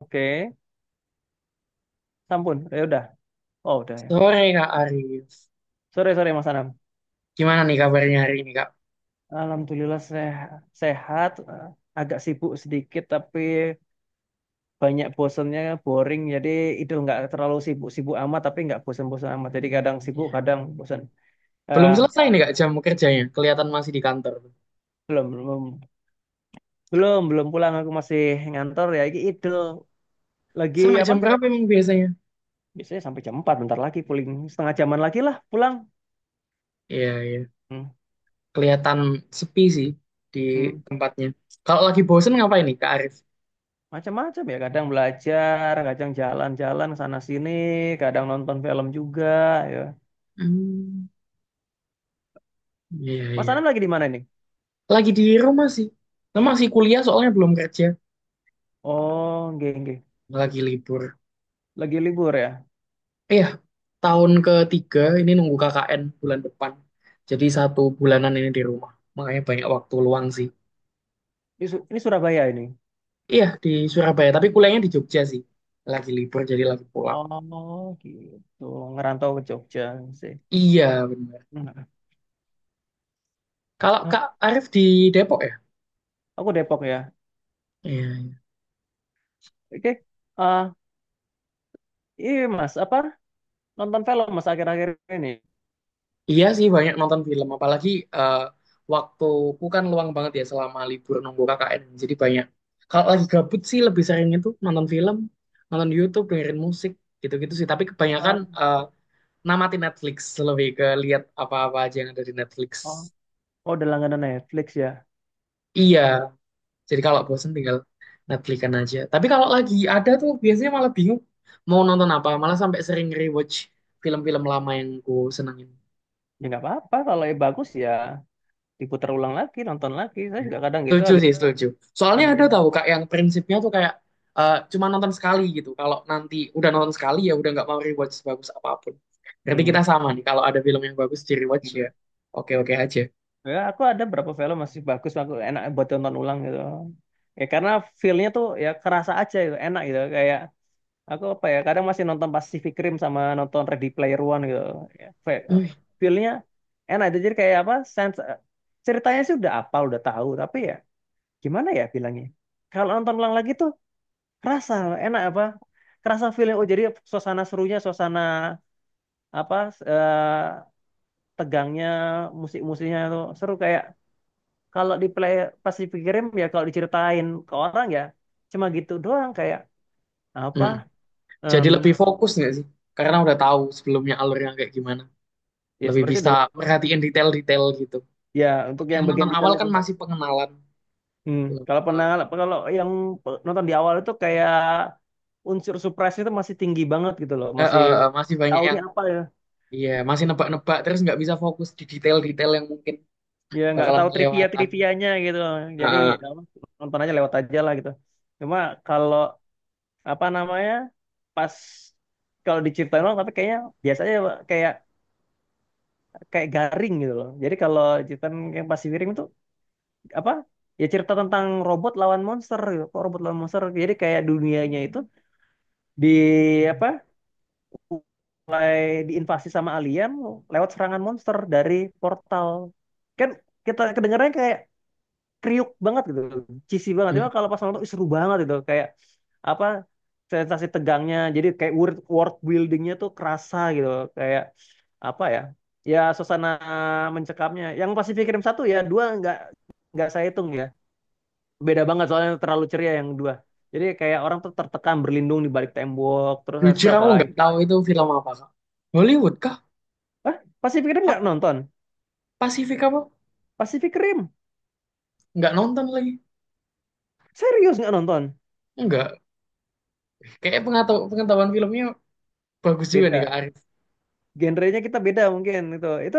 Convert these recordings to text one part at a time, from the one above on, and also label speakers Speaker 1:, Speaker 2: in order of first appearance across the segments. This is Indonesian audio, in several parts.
Speaker 1: Oke, sampun. Ya udah. Oh, udah ya.
Speaker 2: Sore Kak Arif.
Speaker 1: Sore, sore Mas Anam.
Speaker 2: Gimana nih kabarnya hari ini Kak?
Speaker 1: Alhamdulillah sehat, agak sibuk sedikit tapi banyak bosennya, boring. Jadi itu nggak terlalu sibuk-sibuk amat tapi nggak bosen-bosen amat. Jadi kadang sibuk,
Speaker 2: Ya.
Speaker 1: kadang bosen.
Speaker 2: Belum
Speaker 1: Ya,
Speaker 2: selesai nih Kak jam kerjanya. Kelihatan masih di kantor.
Speaker 1: belum, belum, belum pulang. Aku masih ngantor ya. Ini itu lagi
Speaker 2: Sampai
Speaker 1: apa?
Speaker 2: jam berapa emang biasanya?
Speaker 1: Biasanya sampai jam 4, bentar lagi pulang. Setengah jaman lagi lah pulang.
Speaker 2: Iya, iya.
Speaker 1: Hmm.
Speaker 2: Kelihatan sepi sih di
Speaker 1: Hmm.
Speaker 2: tempatnya. Kalau lagi bosen ngapain nih Kak Arif?
Speaker 1: Macam-macam ya, kadang belajar, kadang jalan-jalan sana sini, kadang nonton film juga ya.
Speaker 2: Hmm, iya,
Speaker 1: Mas
Speaker 2: iya.
Speaker 1: Anam lagi di mana ini?
Speaker 2: Lagi di rumah sih. Nah, masih kuliah soalnya belum kerja.
Speaker 1: Oh, nggih nggih.
Speaker 2: Lagi libur.
Speaker 1: Lagi libur ya.
Speaker 2: Iya, tahun ketiga ini nunggu KKN bulan depan. Jadi satu bulanan ini di rumah. Makanya banyak waktu luang sih.
Speaker 1: Ini, ini Surabaya ini.
Speaker 2: Iya di Surabaya, tapi kuliahnya di Jogja sih. Lagi libur jadi lagi pulang.
Speaker 1: Oh, gitu. Ngerantau ke Jogja sih.
Speaker 2: Iya benar.
Speaker 1: Hmm.
Speaker 2: Kalau
Speaker 1: Hah,
Speaker 2: Kak Arif di Depok ya?
Speaker 1: aku Depok ya.
Speaker 2: Iya, iya.
Speaker 1: Oke. Ah, iya Mas, apa? Nonton film Mas akhir-akhir ini.
Speaker 2: Iya sih banyak nonton film, apalagi eh, waktuku kan luang banget ya selama libur nunggu KKN. Jadi banyak. Kalau lagi gabut sih lebih sering itu nonton film, nonton YouTube, dengerin musik, gitu-gitu sih. Tapi kebanyakan
Speaker 1: Ah,
Speaker 2: namatin Netflix, lebih ke lihat apa-apa aja yang ada di Netflix.
Speaker 1: oh, oh, udah langganan Netflix ya.
Speaker 2: Iya, jadi kalau bosen tinggal Netflix-an aja. Tapi kalau lagi ada tuh biasanya malah bingung mau nonton apa. Malah sampai sering rewatch film-film lama yang ku senengin.
Speaker 1: Ya nggak apa-apa kalau yang bagus ya diputar ulang lagi, nonton lagi. Saya
Speaker 2: Iya.
Speaker 1: juga kadang gitu
Speaker 2: Setuju sih, setuju. Soalnya
Speaker 1: ada
Speaker 2: ada
Speaker 1: yang-
Speaker 2: tahu Kak yang prinsipnya tuh kayak cuma nonton sekali gitu. Kalau nanti udah nonton sekali ya udah nggak mau rewatch sebagus apapun. Berarti kita
Speaker 1: hmm.
Speaker 2: sama nih. Kalau ada film yang bagus di rewatch ya
Speaker 1: Enggak.
Speaker 2: oke-oke aja.
Speaker 1: Ya, aku ada berapa film masih bagus, aku enak buat tonton ulang gitu. Ya karena feel-nya tuh ya kerasa aja gitu, enak gitu. Kayak aku apa ya, kadang masih nonton Pacific Rim sama nonton Ready Player One gitu. Ya,
Speaker 2: Wih,
Speaker 1: feel-nya enak itu jadi kayak apa? Sense, ceritanya sih udah apa, udah tahu, tapi ya gimana ya bilangnya? Kalau nonton ulang lagi tuh kerasa enak apa? Kerasa feel oh jadi suasana serunya, suasana apa eh, tegangnya, musik-musiknya tuh seru kayak kalau di play pas dipikirin ya kalau diceritain ke orang ya cuma gitu doang kayak apa
Speaker 2: mm. Jadi
Speaker 1: em,
Speaker 2: lebih fokus nggak sih? Karena udah tahu sebelumnya alurnya kayak gimana.
Speaker 1: ya
Speaker 2: Lebih
Speaker 1: sebenarnya
Speaker 2: bisa
Speaker 1: udah laku.
Speaker 2: merhatiin detail-detail gitu.
Speaker 1: Ya untuk yang
Speaker 2: Yang
Speaker 1: bagian
Speaker 2: nonton
Speaker 1: detail
Speaker 2: awal
Speaker 1: itu
Speaker 2: kan masih pengenalan
Speaker 1: hmm.
Speaker 2: belum
Speaker 1: Kalau
Speaker 2: belum.
Speaker 1: pernah kalau yang nonton di awal itu kayak unsur surprise itu masih tinggi banget gitu loh
Speaker 2: Eh,
Speaker 1: masih
Speaker 2: eh, eh, masih banyak
Speaker 1: tahu
Speaker 2: yang
Speaker 1: nih apa ya
Speaker 2: iya masih nebak-nebak terus nggak bisa fokus di detail-detail yang mungkin
Speaker 1: ya nggak
Speaker 2: bakalan
Speaker 1: tahu trivia
Speaker 2: kelewatan.
Speaker 1: trivianya gitu
Speaker 2: Eh,
Speaker 1: jadi
Speaker 2: eh.
Speaker 1: ya apa, nonton aja lewat aja lah gitu cuma kalau apa namanya pas kalau diceritain orang tapi kayaknya biasanya kayak kayak garing gitu loh. Jadi kalau Jepang yang pasti Wiring itu apa? Ya cerita tentang robot lawan monster gitu. Kok robot lawan monster. Jadi kayak dunianya itu di apa? Mulai diinvasi sama alien lewat serangan monster dari portal. Kan kita kedengarannya kayak kriuk banget gitu. Cheesy banget.
Speaker 2: Hmm.
Speaker 1: Cuma kalau pas nonton ih, seru banget gitu. Kayak apa? Sensasi tegangnya jadi kayak world buildingnya tuh kerasa gitu kayak apa ya ya suasana mencekamnya yang Pacific Rim satu ya dua nggak saya hitung ya beda banget soalnya terlalu ceria yang dua jadi kayak orang tuh tertekan berlindung di balik tembok terus habis itu
Speaker 2: Jujur
Speaker 1: apa
Speaker 2: aku
Speaker 1: lagi
Speaker 2: nggak tahu itu film apa kak. Hollywood kah
Speaker 1: ah Pacific Rim nggak
Speaker 2: apa
Speaker 1: nonton
Speaker 2: Pasifik apa
Speaker 1: Pacific Rim
Speaker 2: nggak nonton lagi
Speaker 1: serius nggak nonton
Speaker 2: nggak, kayak pengetahuan pengetahuan filmnya bagus juga nih
Speaker 1: beda
Speaker 2: kak Arif.
Speaker 1: genrenya kita beda mungkin itu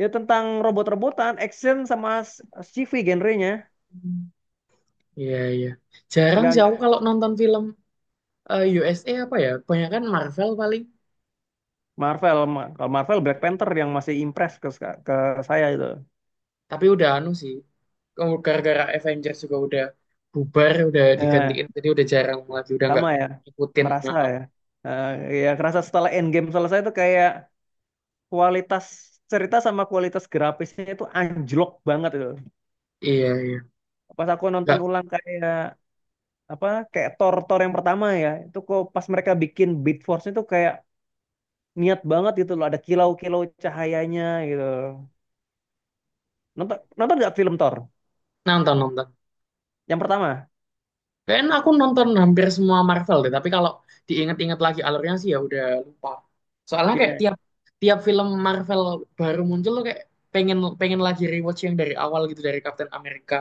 Speaker 1: ya tentang robot-robotan action sama sci-fi genrenya
Speaker 2: Hmm, iya iya. Jarang sih
Speaker 1: nggak
Speaker 2: aku kalau nonton film, USA apa ya banyak kan Marvel paling.
Speaker 1: Marvel kalau Marvel Black Panther yang masih impress ke saya itu
Speaker 2: Tapi udah anu sih. Gara-gara Avengers juga udah bubar udah
Speaker 1: ya
Speaker 2: digantiin jadi udah jarang lagi udah nggak
Speaker 1: sama ya,
Speaker 2: ngikutin.
Speaker 1: merasa
Speaker 2: Heeh.
Speaker 1: ya. Eh, Ya kerasa setelah endgame selesai itu kayak kualitas cerita sama kualitas grafisnya itu anjlok banget itu.
Speaker 2: Iya iya,
Speaker 1: Pas aku nonton
Speaker 2: nggak
Speaker 1: ulang kayak apa kayak Thor Thor yang pertama ya, itu kok pas mereka bikin Beat Force itu kayak niat banget gitu loh, ada kilau-kilau cahayanya gitu. Nonton nonton nggak film Thor
Speaker 2: nonton nonton,
Speaker 1: yang pertama?
Speaker 2: kayaknya aku nonton hampir semua Marvel deh. Tapi kalau diinget-inget lagi alurnya sih ya udah lupa. Soalnya kayak
Speaker 1: Iya.
Speaker 2: tiap tiap film Marvel baru muncul tuh kayak pengen pengen lagi rewatch yang dari awal gitu dari Captain America.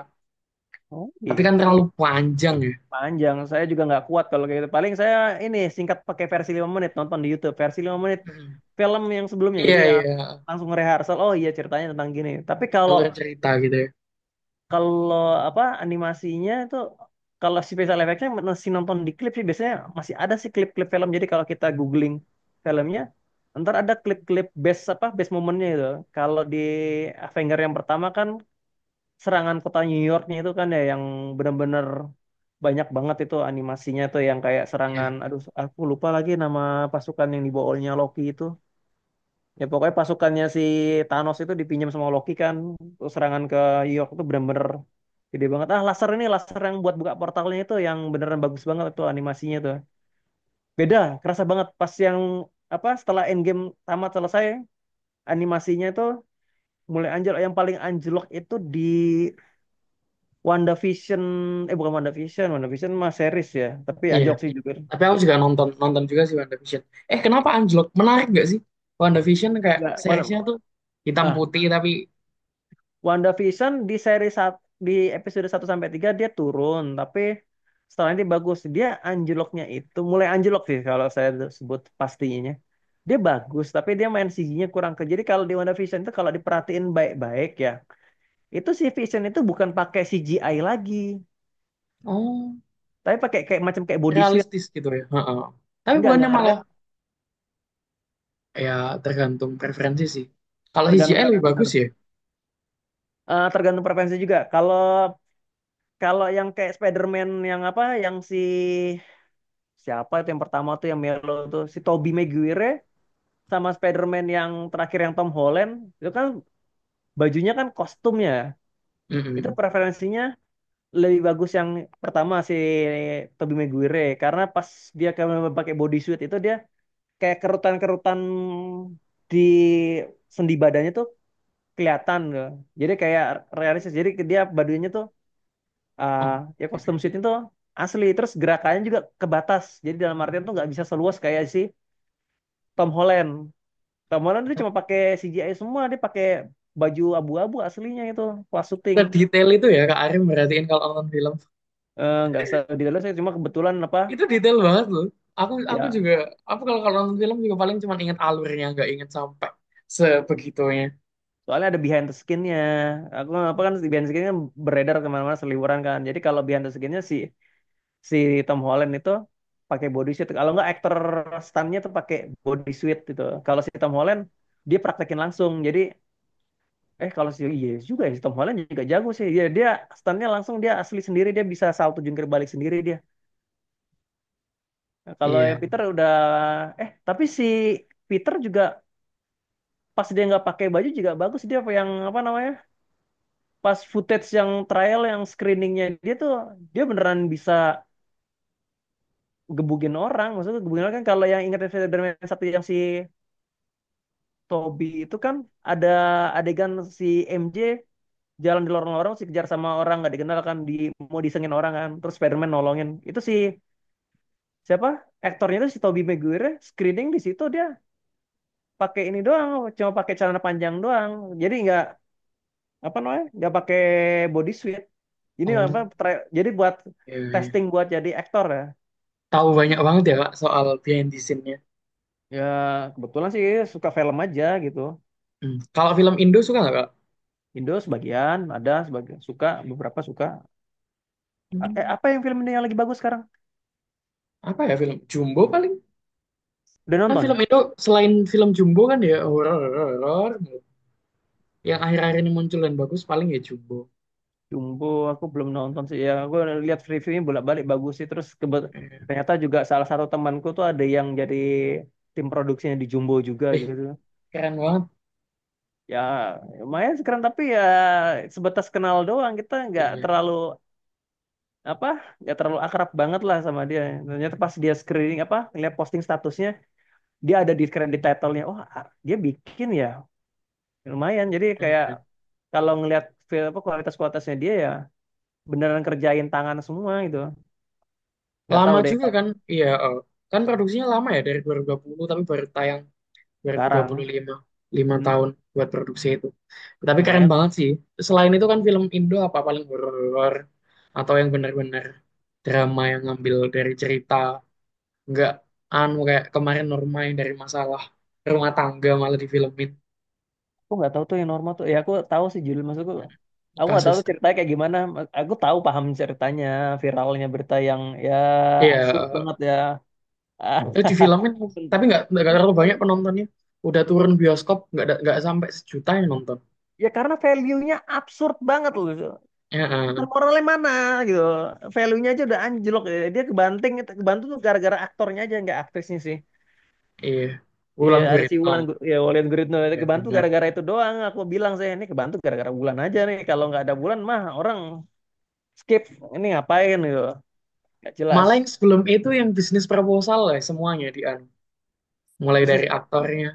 Speaker 1: Oh,
Speaker 2: Tapi kan terlalu
Speaker 1: gitu.
Speaker 2: panjang ya.
Speaker 1: Panjang, saya juga nggak kuat kalau kayak gitu. Paling saya ini singkat pakai versi 5 menit, nonton di YouTube. Versi 5 menit
Speaker 2: Mhm.
Speaker 1: film yang sebelumnya.
Speaker 2: Iya,
Speaker 1: Jadi ya,
Speaker 2: iya,
Speaker 1: langsung rehearsal, oh iya ceritanya tentang gini. Tapi kalau
Speaker 2: alur cerita gitu ya.
Speaker 1: kalau apa animasinya itu kalau si special effectnya masih nonton di klip sih biasanya masih ada sih klip-klip film. Jadi kalau kita googling filmnya, ntar ada klip-klip best apa best momennya itu. Kalau di Avenger yang pertama kan serangan kota New Yorknya itu kan ya yang benar-benar banyak banget itu animasinya tuh yang kayak serangan
Speaker 2: Iya,
Speaker 1: aduh aku lupa lagi nama pasukan yang dibawaannya Loki itu ya pokoknya pasukannya si Thanos itu dipinjam sama Loki kan. Terus serangan ke New York itu benar-benar gede banget ah laser ini laser yang buat buka portalnya itu yang beneran bagus banget tuh animasinya tuh beda kerasa banget pas yang apa setelah Endgame tamat selesai animasinya itu mulai anjlok yang paling anjlok itu di WandaVision bukan WandaVision WandaVision mah series ya tapi
Speaker 2: iya.
Speaker 1: anjlok sih juga
Speaker 2: Tapi aku juga nonton nonton juga sih WandaVision. Eh, kenapa anjlok? Menarik nggak sih WandaVision, kayak
Speaker 1: enggak
Speaker 2: seriesnya tuh hitam
Speaker 1: ah
Speaker 2: putih tapi.
Speaker 1: WandaVision di seri satu, di episode satu sampai 3 dia turun tapi setelah ini bagus dia anjloknya itu mulai anjlok sih kalau saya sebut pastinya dia bagus tapi dia main CG-nya kurang ke jadi kalau di WandaVision itu kalau diperhatiin baik-baik ya itu si Vision itu bukan pakai CGI lagi
Speaker 2: Oh,
Speaker 1: tapi pakai kayak macam kayak body suit
Speaker 2: realistis gitu ya. Heeh. Tapi bukannya
Speaker 1: enggak
Speaker 2: malah
Speaker 1: keren
Speaker 2: ya, tergantung preferensi sih. Kalau
Speaker 1: tergantung
Speaker 2: CGI lebih
Speaker 1: preferensi bener.
Speaker 2: bagus ya.
Speaker 1: Tergantung preferensi juga kalau kalau yang kayak Spider-Man yang apa yang si siapa itu yang pertama tuh yang Melo tuh si Tobey Maguire sama Spider-Man yang terakhir yang Tom Holland itu kan bajunya kan kostumnya itu
Speaker 2: Mm-mm.
Speaker 1: preferensinya lebih bagus yang pertama si Tobey Maguire karena pas dia kayak pakai bodysuit itu dia kayak kerutan-kerutan di sendi badannya tuh kelihatan loh. Jadi kayak realistis. Jadi dia badannya tuh eh,
Speaker 2: Oh,
Speaker 1: ya
Speaker 2: oke.
Speaker 1: custom suit itu asli terus gerakannya juga kebatas jadi dalam artian tuh nggak bisa seluas kayak si Tom Holland Tom Holland tuh cuma pakai CGI semua dia pakai baju abu-abu aslinya itu pas syuting.
Speaker 2: Tapi detail itu ya Kak Arim merhatiin kalau nonton film,
Speaker 1: Nggak di dalam saya cuma kebetulan apa
Speaker 2: itu detail banget loh. Aku
Speaker 1: ya
Speaker 2: juga, aku kalau kalau nonton film juga paling cuma ingat alurnya, nggak ingat sampai sebegitunya.
Speaker 1: soalnya ada behind the skinnya aku apa kan si behind the skinnya beredar kemana-mana seliweran kan jadi kalau behind the skinnya si si Tom Holland itu pakai body suit kalau nggak aktor stuntnya tuh pakai body suit gitu kalau si Tom Holland dia praktekin langsung jadi. Eh kalau si Yes juga ya, si Tom Holland juga jago sih. Ya, dia stunnya langsung dia asli sendiri dia bisa salto jungkir balik sendiri dia. Nah, kalau
Speaker 2: Iya.
Speaker 1: yang Peter udah tapi si Peter juga pas dia nggak pakai baju juga bagus dia apa yang apa namanya pas footage yang trial yang screeningnya dia tuh dia beneran bisa gebugin orang maksudnya gebugin orang kan kalau yang ingat Spider-Man satu yang si Toby itu kan ada adegan si MJ jalan di lorong-lorong sih kejar sama orang nggak dikenal kan di mau disengin orang kan terus Spiderman nolongin itu si siapa aktornya itu si Tobey Maguire screening di situ dia pakai ini doang cuma pakai celana panjang doang jadi nggak apa namanya nggak pakai body suit ini apa
Speaker 2: Oh,
Speaker 1: jadi buat
Speaker 2: iya, iya.
Speaker 1: testing buat jadi aktor ya
Speaker 2: Tahu banyak banget ya Kak soal behind the scene-nya.
Speaker 1: ya kebetulan sih suka film aja gitu.
Speaker 2: Hmm. Kalau film Indo suka nggak Kak?
Speaker 1: Indo sebagian ada sebagian suka beberapa suka
Speaker 2: Hmm,
Speaker 1: apa yang film Indo yang lagi bagus sekarang
Speaker 2: Apa ya, film Jumbo paling?
Speaker 1: udah
Speaker 2: Kan
Speaker 1: nonton
Speaker 2: film Indo selain film Jumbo kan ya horor horor. Yang akhir-akhir ini muncul dan bagus paling ya Jumbo.
Speaker 1: Jumbo aku belum nonton sih ya aku lihat reviewnya bolak-balik bagus sih terus
Speaker 2: Eh,
Speaker 1: ternyata juga salah satu temanku tuh ada yang jadi tim produksinya di Jumbo juga gitu
Speaker 2: eh, keren banget.
Speaker 1: ya lumayan sekarang, tapi ya sebatas kenal doang kita nggak
Speaker 2: Iya,
Speaker 1: terlalu apa nggak terlalu akrab banget lah sama dia ternyata pas dia screening apa lihat posting statusnya dia ada di credit title-nya oh dia bikin ya lumayan jadi
Speaker 2: keren,
Speaker 1: kayak
Speaker 2: keren.
Speaker 1: kalau ngelihat apa kualitas-kualitasnya dia ya beneran kerjain tangan semua gitu nggak
Speaker 2: Lama
Speaker 1: tahu deh.
Speaker 2: juga kan? Iya, kan produksinya lama ya dari dua dua ribu dua puluh tapi baru tayang dua ribu dua
Speaker 1: Sekarang,
Speaker 2: puluh lima lima
Speaker 1: hmm,
Speaker 2: tahun buat produksi itu. Tapi keren
Speaker 1: lumayan.
Speaker 2: banget sih. Selain itu kan film Indo apa paling horor, atau yang bener-bener drama yang ngambil dari cerita, nggak anu kayak kemarin Norma yang dari masalah rumah tangga malah difilmin
Speaker 1: Aku nggak tahu tuh yang normal tuh. Ya aku tahu sih judul maksudku. Aku nggak tahu
Speaker 2: kasus.
Speaker 1: tuh ceritanya kayak gimana. Aku tahu paham ceritanya, viralnya berita yang ya absurd
Speaker 2: Iya,
Speaker 1: banget ya. Ah,
Speaker 2: eh, di filmin tapi nggak terlalu banyak penontonnya, udah turun bioskop nggak sampai sejuta yang nonton.
Speaker 1: ya karena value-nya absurd banget loh.
Speaker 2: Ya,
Speaker 1: Bukan moralnya mana gitu. Value-nya aja udah anjlok. Ya, dia kebanting, kebantu tuh gara-gara aktornya aja nggak aktrisnya sih.
Speaker 2: iya.
Speaker 1: Ya
Speaker 2: Wulan
Speaker 1: ada si
Speaker 2: Guritno.
Speaker 1: Wulan, ya Wulan Guritno itu
Speaker 2: Ya
Speaker 1: kebantu
Speaker 2: benar.
Speaker 1: gara-gara itu doang. Aku bilang saya ini kebantu gara-gara Wulan aja nih. Kalau nggak ada Wulan mah orang skip ini ngapain gitu nggak jelas
Speaker 2: Malah yang sebelum itu yang bisnis proposal lah semuanya di anu. Mulai
Speaker 1: bisnis
Speaker 2: dari
Speaker 1: Stop kan
Speaker 2: aktornya.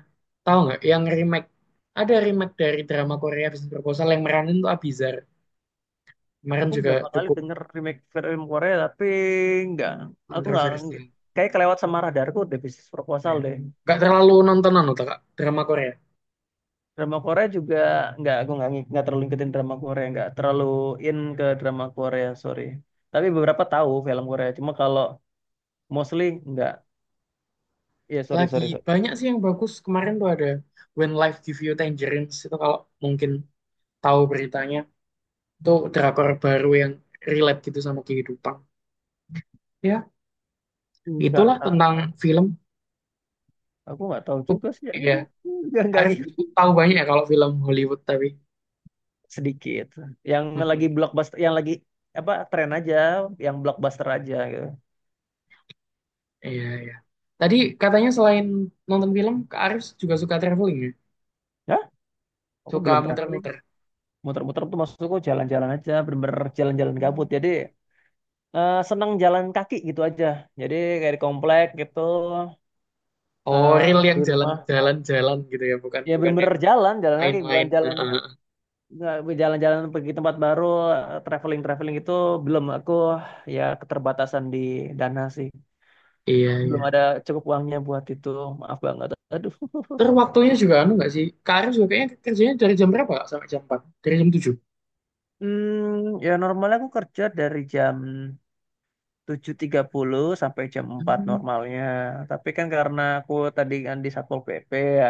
Speaker 2: Tahu nggak yang remake? Ada remake dari drama Korea bisnis proposal yang meranin tuh Abizar. Kemarin
Speaker 1: aku
Speaker 2: juga
Speaker 1: berapa kali
Speaker 2: cukup
Speaker 1: denger remake film Korea tapi nggak aku nggak
Speaker 2: kontroversial.
Speaker 1: kayak kelewat sama radarku deh bisnis proposal
Speaker 2: Kayak,
Speaker 1: deh
Speaker 2: nggak terlalu nontonan loh Kak, drama Korea.
Speaker 1: drama Korea juga nggak aku nggak nggak terlalu ngikutin drama Korea nggak terlalu in ke drama Korea sorry tapi beberapa tahu film Korea cuma kalau mostly nggak ya sorry
Speaker 2: Lagi
Speaker 1: sorry sorry
Speaker 2: banyak sih yang bagus. Kemarin tuh ada When Life Give You Tangerines itu, kalau mungkin tahu beritanya, itu drakor baru yang relate gitu sama kehidupan. Ya,
Speaker 1: nggak
Speaker 2: itulah
Speaker 1: tahu
Speaker 2: tentang film.
Speaker 1: aku nggak tahu juga sih yang
Speaker 2: Iya,
Speaker 1: itu nggak
Speaker 2: Arif
Speaker 1: ngikutin
Speaker 2: tahu banyak ya kalau film Hollywood tapi.
Speaker 1: sedikit. Yang lagi
Speaker 2: Mhm.
Speaker 1: blockbuster, yang lagi apa tren aja, yang blockbuster aja gitu.
Speaker 2: Iya, iya. Tadi katanya selain nonton film, Kak Arif juga suka traveling ya?
Speaker 1: Ya, aku
Speaker 2: Suka
Speaker 1: belum traveling.
Speaker 2: muter-muter.
Speaker 1: Muter-muter tuh maksudku jalan-jalan aja, bener-bener jalan-jalan
Speaker 2: Hmm.
Speaker 1: gabut. Jadi seneng jalan kaki gitu aja. Jadi kayak di komplek gitu,
Speaker 2: Oh, real
Speaker 1: eh,
Speaker 2: yang
Speaker 1: di rumah.
Speaker 2: jalan-jalan-jalan gitu ya, bukan
Speaker 1: Ya
Speaker 2: bukan yang
Speaker 1: bener-bener jalan, jalan kaki bukan
Speaker 2: main-main.
Speaker 1: jalan
Speaker 2: Heeh.
Speaker 1: nggak jalan-jalan pergi tempat baru, traveling-traveling itu belum aku ya keterbatasan di dana sih.
Speaker 2: Iya,
Speaker 1: Belum
Speaker 2: iya.
Speaker 1: ada cukup uangnya buat itu. Maaf banget. Aduh.
Speaker 2: Terus waktunya juga anu nggak sih? Kak Arif juga kayaknya kerjanya dari jam berapa Kak, sampai jam 4? Dari jam 7?
Speaker 1: Hmm, ya normalnya aku kerja dari jam 7.30 sampai jam 4
Speaker 2: Hmm.
Speaker 1: normalnya. Tapi kan karena aku tadi kan di Satpol PP ya.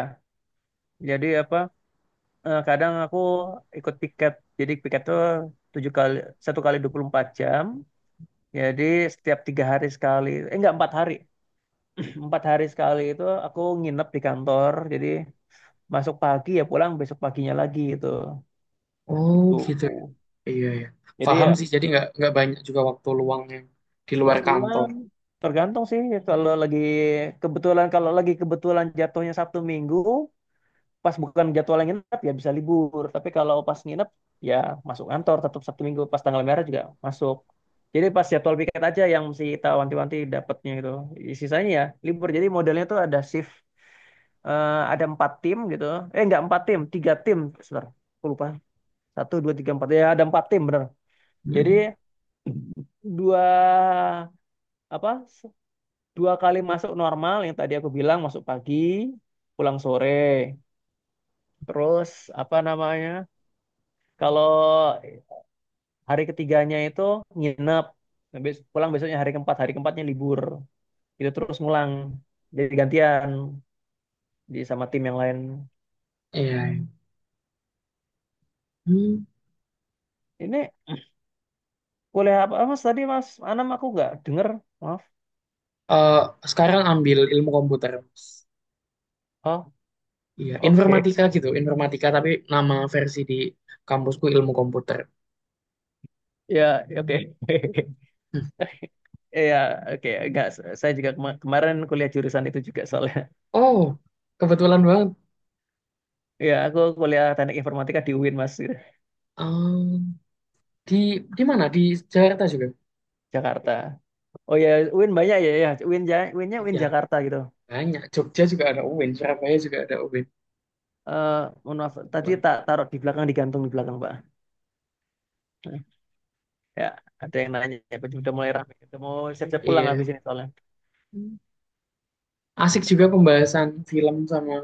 Speaker 1: Jadi apa kadang aku ikut piket. Jadi piket tuh 7 kali satu kali 24 jam. Jadi setiap 3 hari sekali. Eh enggak 4 hari. 4 hari sekali itu aku nginep di kantor. Jadi masuk pagi ya pulang besok paginya lagi gitu.
Speaker 2: Oh,
Speaker 1: Itu.
Speaker 2: gitu ya. Iya, iya.
Speaker 1: Jadi
Speaker 2: Paham
Speaker 1: ya
Speaker 2: sih, jadi nggak banyak juga waktu luang yang di
Speaker 1: mau
Speaker 2: luar kantor.
Speaker 1: keluar tergantung sih kalau lagi kalau lagi kebetulan jatuhnya Sabtu Minggu pas bukan jadwal yang nginep ya bisa libur tapi kalau pas nginep ya masuk kantor tetap Sabtu Minggu pas tanggal merah juga masuk jadi pas jadwal piket aja yang mesti kita wanti-wanti dapatnya gitu sisanya ya libur jadi modelnya tuh ada shift ada 4 tim gitu nggak 4 tim 3 tim sebentar aku lupa satu dua tiga empat ya ada 4 tim bener jadi
Speaker 2: Hmm.
Speaker 1: dua apa dua kali masuk normal yang tadi aku bilang masuk pagi pulang sore terus apa namanya kalau hari ketiganya itu nginep. Nah, pulang besoknya hari keempat hari keempatnya libur itu terus ngulang jadi gantian di sama tim yang lain.
Speaker 2: Iya, iya. Hmm.
Speaker 1: Ini kuliah apa mas tadi mas Anam aku nggak denger maaf
Speaker 2: Eh, sekarang ambil ilmu komputer. Mas.
Speaker 1: oh
Speaker 2: Iya,
Speaker 1: oke
Speaker 2: informatika gitu, informatika tapi nama versi di kampusku ilmu komputer.
Speaker 1: ya oke
Speaker 2: Hmm.
Speaker 1: Iya, oke. Enggak, saya juga kemarin kuliah jurusan itu juga soalnya.
Speaker 2: Oh, kebetulan banget.
Speaker 1: Ya, aku kuliah teknik informatika di UIN Mas, gitu,
Speaker 2: Eh, di di mana? Di Jakarta juga.
Speaker 1: Jakarta. Oh ya, UIN banyak ya, ya. UINnya UIN
Speaker 2: Iya,
Speaker 1: Jakarta gitu.
Speaker 2: banyak. Jogja juga ada UIN, Surabaya juga ada UIN.
Speaker 1: Eh, Mohon maaf, tadi tak taruh di belakang, digantung di belakang, Pak. Ya, ada yang nanya, ya, udah mulai ramai. Udah mau siap-siap pulang
Speaker 2: Iya.
Speaker 1: habis ini soalnya.
Speaker 2: Hmm. Asik juga pembahasan film sama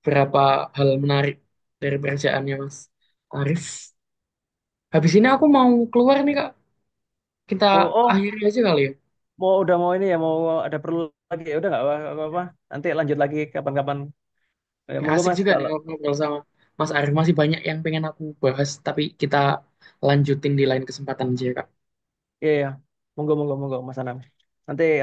Speaker 2: beberapa hal menarik dari pekerjaannya Mas Arif. Habis ini aku mau keluar nih, Kak. Kita
Speaker 1: Mau, oh,
Speaker 2: akhiri aja kali ya.
Speaker 1: mau udah mau ini ya, mau ada perlu lagi ya, udah nggak apa-apa. Nanti lanjut lagi kapan-kapan. Ya,
Speaker 2: Kayak
Speaker 1: monggo
Speaker 2: Asik
Speaker 1: Mas,
Speaker 2: juga nih
Speaker 1: kalau,
Speaker 2: ngobrol sama Mas Arif. Masih banyak yang pengen aku bahas, tapi kita lanjutin di lain kesempatan aja, ya, Kak.
Speaker 1: iya, ya monggo, monggo, monggo, Mas Anam. Nanti